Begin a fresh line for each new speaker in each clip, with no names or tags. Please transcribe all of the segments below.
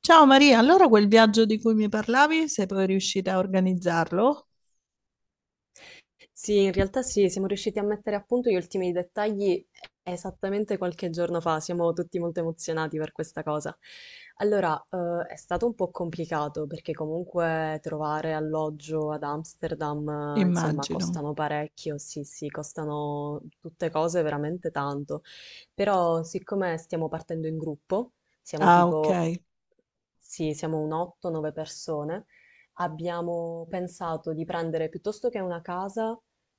Ciao Maria, allora quel viaggio di cui mi parlavi, sei poi riuscita a organizzarlo?
Sì, in realtà sì, siamo riusciti a mettere a punto gli ultimi dettagli esattamente qualche giorno fa, siamo tutti molto emozionati per questa cosa. Allora, è stato un po' complicato perché comunque trovare alloggio ad Amsterdam, insomma,
Immagino.
costano parecchio, sì, sì, costano tutte cose veramente tanto. Però siccome stiamo partendo in gruppo, siamo
Ah, ok.
tipo, sì, siamo un 8-9 persone, abbiamo pensato di prendere piuttosto che una casa,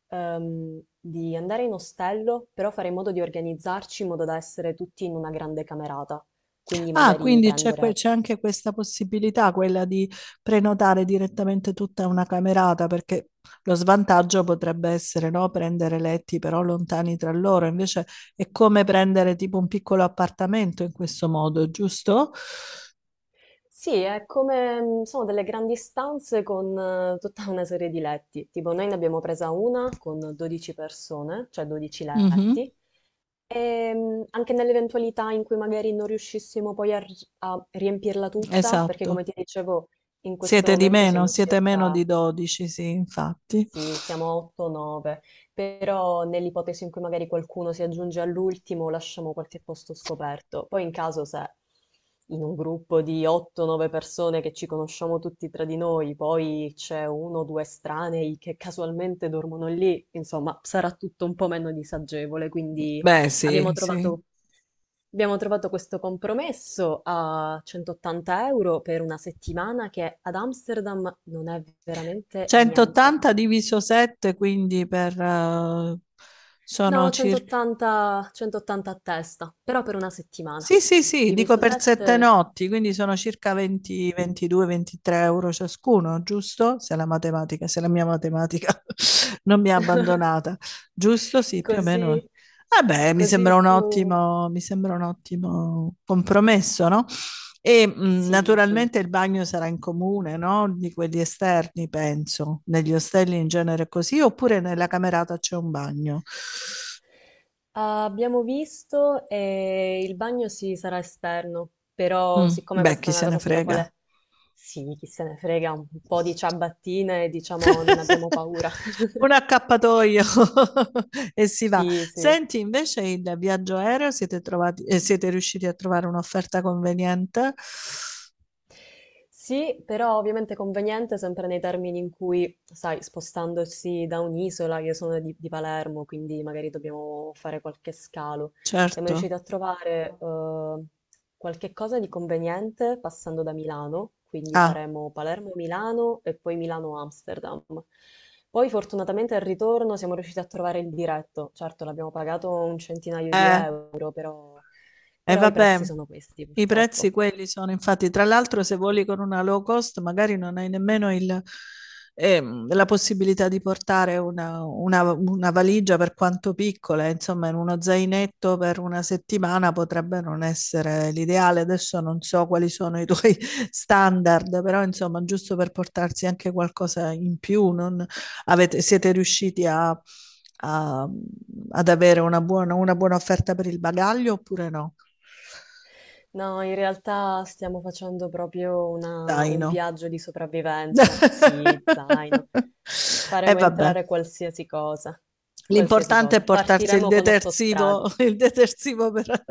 di andare in ostello, però fare in modo di organizzarci in modo da essere tutti in una grande camerata. Quindi
Ah,
magari
quindi
prendere.
c'è anche questa possibilità, quella di prenotare direttamente tutta una camerata, perché lo svantaggio potrebbe essere, no, prendere letti però lontani tra loro, invece è come prendere tipo un piccolo appartamento in questo modo, giusto?
Sì, è come sono delle grandi stanze con tutta una serie di letti. Tipo noi ne abbiamo presa una con 12 persone, cioè 12
Mhm.
letti. Anche nell'eventualità in cui magari non riuscissimo poi a riempirla tutta, perché
Esatto.
come ti dicevo in questo
Siete di
momento
meno,
siamo
siete meno di
circa
12, sì, infatti.
sì, siamo a 8-9, però nell'ipotesi in cui magari qualcuno si aggiunge all'ultimo, lasciamo qualche posto scoperto. Poi in caso se in un gruppo di 8-9 persone che ci conosciamo tutti tra di noi, poi c'è uno o due estranei che casualmente dormono lì, insomma, sarà tutto un po' meno disagevole, quindi
Beh,
abbiamo
sì, sì.
trovato Abbiamo trovato questo compromesso a 180 euro per una settimana che ad Amsterdam non è veramente niente.
180 diviso 7, quindi per, sono
No, 180, 180 a testa, però per una settimana.
sì, sì, sì, dico
Diviso
per sette
7,
notti, quindi sono circa 20, 22, 23 euro ciascuno, giusto? Se se la mia matematica non mi ha abbandonata, giusto? Sì, più o
così,
meno. Eh beh,
così su.
mi sembra un ottimo compromesso, no? E
Sì, sì.
naturalmente il bagno sarà in comune, no? Di quelli esterni, penso. Negli ostelli in genere è così, oppure nella camerata c'è un bagno.
Abbiamo visto e il bagno sì sarà esterno, però siccome
Beh,
questa
chi
è una
se ne
cosa sulla
frega.
quale sì, chi se ne frega, un po' di ciabattine, diciamo, non abbiamo paura.
Un accappatoio e si va.
Sì, sì.
Senti, invece il viaggio aereo siete trovati siete riusciti a trovare un'offerta conveniente?
Sì, però ovviamente conveniente sempre nei termini in cui, sai, spostandosi da un'isola, io sono di Palermo, quindi magari dobbiamo fare qualche scalo. Siamo riusciti
Certo.
a trovare qualche cosa di conveniente passando da Milano, quindi
Ah,
faremo Palermo-Milano e poi Milano-Amsterdam. Poi fortunatamente al ritorno siamo riusciti a trovare il diretto, certo l'abbiamo pagato un centinaio di
eh.
euro, però
E
però i prezzi
vabbè,
sono questi
i prezzi
purtroppo.
quelli sono, infatti, tra l'altro se voli con una low cost magari non hai nemmeno la possibilità di portare una valigia per quanto piccola, insomma in uno zainetto per 1 settimana potrebbe non essere l'ideale. Adesso non so quali sono i tuoi standard, però insomma giusto per portarsi anche qualcosa in più, non, avete, siete riusciti a, a- ad avere una buona offerta per il bagaglio oppure no?
No, in realtà stiamo facendo proprio un
Zaino.
viaggio di sopravvivenza. Sì, zaino.
E
Faremo
vabbè,
entrare qualsiasi cosa, qualsiasi
l'importante è
cosa.
portarsi il
Partiremo con otto
detersivo,
stradi.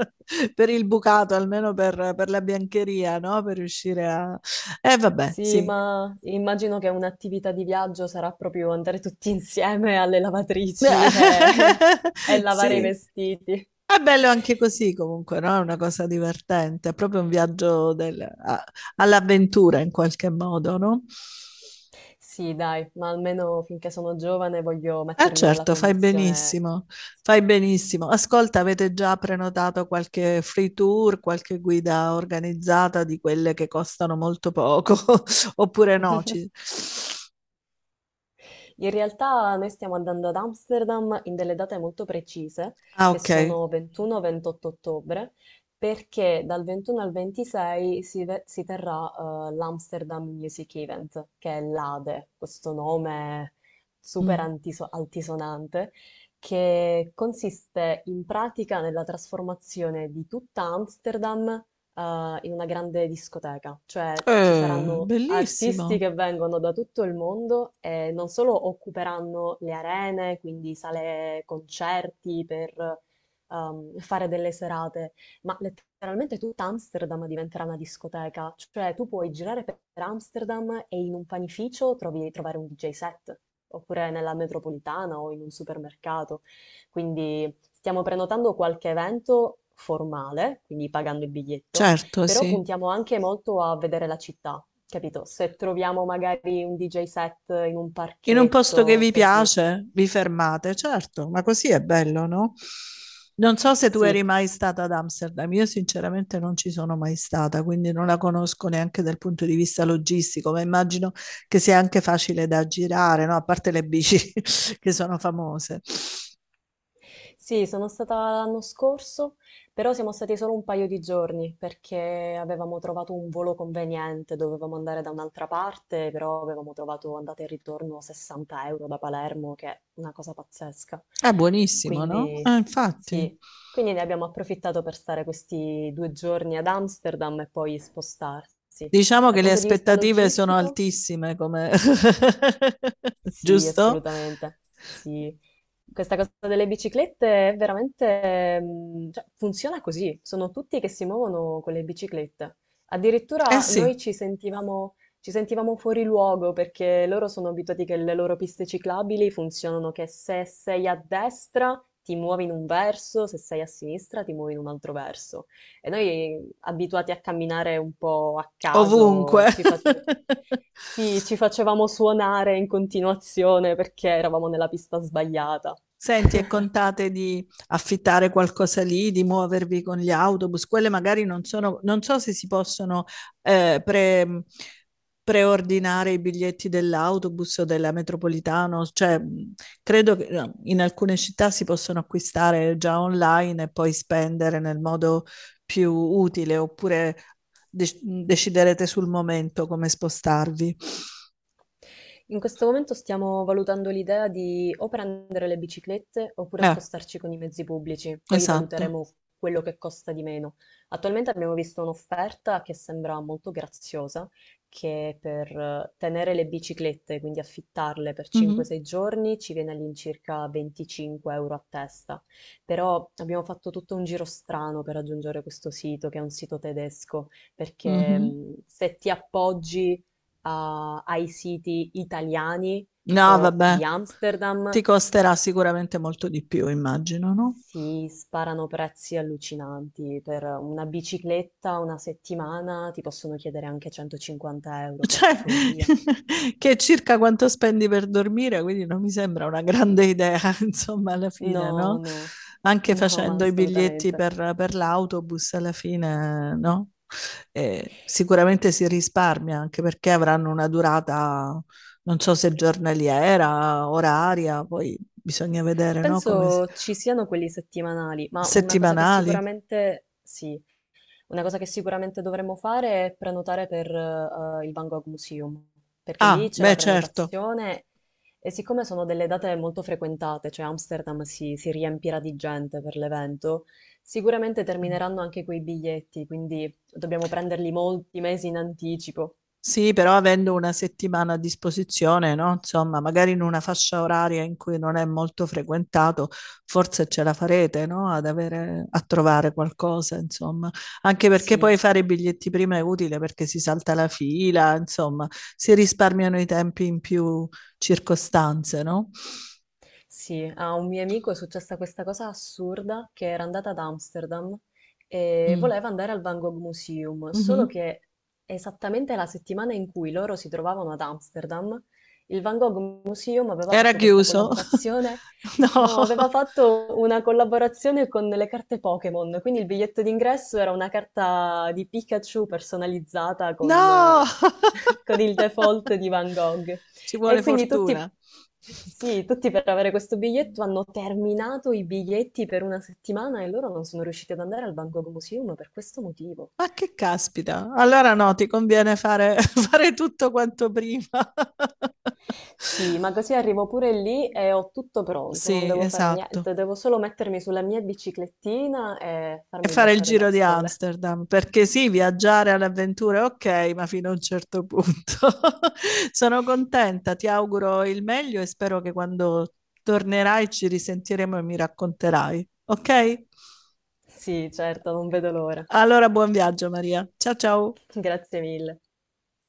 per il bucato, almeno per la biancheria, no? Per riuscire a... E vabbè,
Sì,
sì.
ma immagino che un'attività di viaggio sarà proprio andare tutti insieme alle lavatrici e, e lavare i
Sì.
vestiti.
È bello anche così comunque, no? È una cosa divertente, è proprio un all'avventura in qualche modo, no?
Sì, dai, ma almeno finché sono giovane voglio
Eh
mettermi nella
certo,
condizione.
fai benissimo. Ascolta, avete già prenotato qualche free tour, qualche guida organizzata di quelle che costano molto poco, oppure no?
In realtà noi stiamo andando ad Amsterdam in delle date molto precise,
Ah,
che
ok.
sono 21-28 ottobre, perché dal 21 al 26 si terrà l'Amsterdam Music Event, che è l'ADE, questo nome super
Mm.
altisonante, che consiste in pratica nella trasformazione di tutta Amsterdam in una grande discoteca, cioè ci saranno artisti
Bellissimo,
che vengono da tutto il mondo e non solo occuperanno le arene, quindi sale concerti per fare delle serate, ma letteralmente tutta Amsterdam diventerà una discoteca, cioè tu puoi girare per Amsterdam e in un panificio trovare un DJ set. Oppure nella metropolitana o in un supermercato. Quindi stiamo prenotando qualche evento formale, quindi pagando il biglietto,
certo,
però
sì.
puntiamo anche molto a vedere la città, capito? Se troviamo magari un DJ set in un
In un posto che
parchetto,
vi
così.
piace, vi fermate, certo, ma così è bello, no? Non so se tu eri
Sì,
mai stata ad Amsterdam, io sinceramente non ci sono mai stata, quindi non la conosco neanche dal punto di vista logistico, ma immagino che sia anche facile da girare, no? A parte le bici che sono famose.
Sì, sono stata l'anno scorso, però siamo stati solo un paio di giorni perché avevamo trovato un volo conveniente, dovevamo andare da un'altra parte, però avevamo trovato andata e ritorno 60 euro da Palermo, che è una cosa pazzesca.
È buonissimo,
Quindi.
no?
Bellissimo.
Infatti.
Sì, quindi ne abbiamo approfittato per stare questi due giorni ad Amsterdam e poi spostarsi.
Diciamo
Dal
che le
punto di vista
aspettative sono
logistico?
altissime, come...
Sì,
giusto?
assolutamente. Sì. Questa cosa delle biciclette è veramente, cioè, funziona così. Sono tutti che si muovono con le biciclette.
Eh
Addirittura
sì,
noi ci sentivamo fuori luogo perché loro sono abituati che le loro piste ciclabili funzionano che se sei a destra ti muovi in un verso, se sei a sinistra ti muovi in un altro verso. E noi abituati a camminare un po' a
ovunque.
caso, ci facevano... Sì, ci facevamo suonare in continuazione perché eravamo nella pista sbagliata.
Senti, e contate di affittare qualcosa lì, di muovervi con gli autobus? Quelle magari non sono, non so se si possono eh, pre- preordinare i biglietti dell'autobus o della metropolitana, cioè credo che no, in alcune città si possono acquistare già online e poi spendere nel modo più utile, oppure deciderete sul momento come spostarvi.
In questo momento stiamo valutando l'idea di o prendere le biciclette oppure
Eh,
spostarci con i mezzi pubblici, poi
esatto.
valuteremo quello che costa di meno. Attualmente abbiamo visto un'offerta che sembra molto graziosa, che per tenere le biciclette, quindi affittarle per
Mhm,
5-6 giorni, ci viene all'incirca 25 euro a testa. Però abbiamo fatto tutto un giro strano per raggiungere questo sito, che è un sito tedesco, perché
mhm.
se ti appoggi ai siti italiani o
No,
di
vabbè,
Amsterdam
ti costerà sicuramente molto di più, immagino, no?
si sparano prezzi allucinanti. Per una bicicletta una settimana ti possono chiedere anche 150 euro, che è
Cioè,
follia.
che è circa quanto spendi per dormire, quindi non mi sembra una grande idea, insomma, alla fine,
No,
no?
no,
Anche
no, ma
facendo i biglietti
assolutamente.
per l'autobus, alla fine, no? Sicuramente si risparmia, anche perché avranno una durata, non so se giornaliera, oraria, poi bisogna vedere, no?
Penso ci siano quelli settimanali, ma una cosa che
Settimanali.
sicuramente sì, una cosa che sicuramente dovremmo fare è prenotare per il Van Gogh Museum, perché lì
Ah,
c'è la
beh, certo.
prenotazione e siccome sono delle date molto frequentate, cioè Amsterdam si riempirà di gente per l'evento, sicuramente termineranno anche quei biglietti, quindi dobbiamo prenderli molti mesi in anticipo.
Sì, però avendo una settimana a disposizione, no? Insomma, magari in una fascia oraria in cui non è molto frequentato, forse ce la farete, no? Ad avere, a trovare qualcosa, insomma. Anche perché poi
Sì.
fare i biglietti prima è utile perché si salta la fila, insomma, si risparmiano i tempi in più circostanze, no?
Sì, a un mio amico è successa questa cosa assurda che era andata ad Amsterdam e
Mm.
voleva andare al Van Gogh Museum, solo
Mhm.
che esattamente la settimana in cui loro si trovavano ad Amsterdam, il Van Gogh Museum aveva
Era
fatto questa
chiuso?
collaborazione.
No.
No, aveva fatto una collaborazione con le carte Pokémon, quindi il biglietto d'ingresso era una carta di Pikachu personalizzata con,
No!
con il default di Van Gogh.
Ci
E
vuole
quindi tutti,
fortuna.
sì, tutti per avere questo biglietto hanno terminato i biglietti per una settimana e loro non sono riusciti ad andare al Van Gogh Museum per questo motivo.
Ma che caspita! Allora no, ti conviene fare, fare tutto quanto prima.
Sì, ma così arrivo pure lì e ho tutto pronto, non
Sì,
devo fare
esatto.
niente, devo solo mettermi sulla mia biciclettina e
E
farmi
fare il
baciare
giro
dal
di
sole.
Amsterdam, perché sì, viaggiare all'avventura è ok, ma fino a un certo punto. Sono contenta, ti auguro il meglio e spero che quando tornerai ci risentiremo e mi racconterai, ok?
Sì, certo, non vedo l'ora.
Allora, buon viaggio Maria. Ciao ciao.
Grazie mille.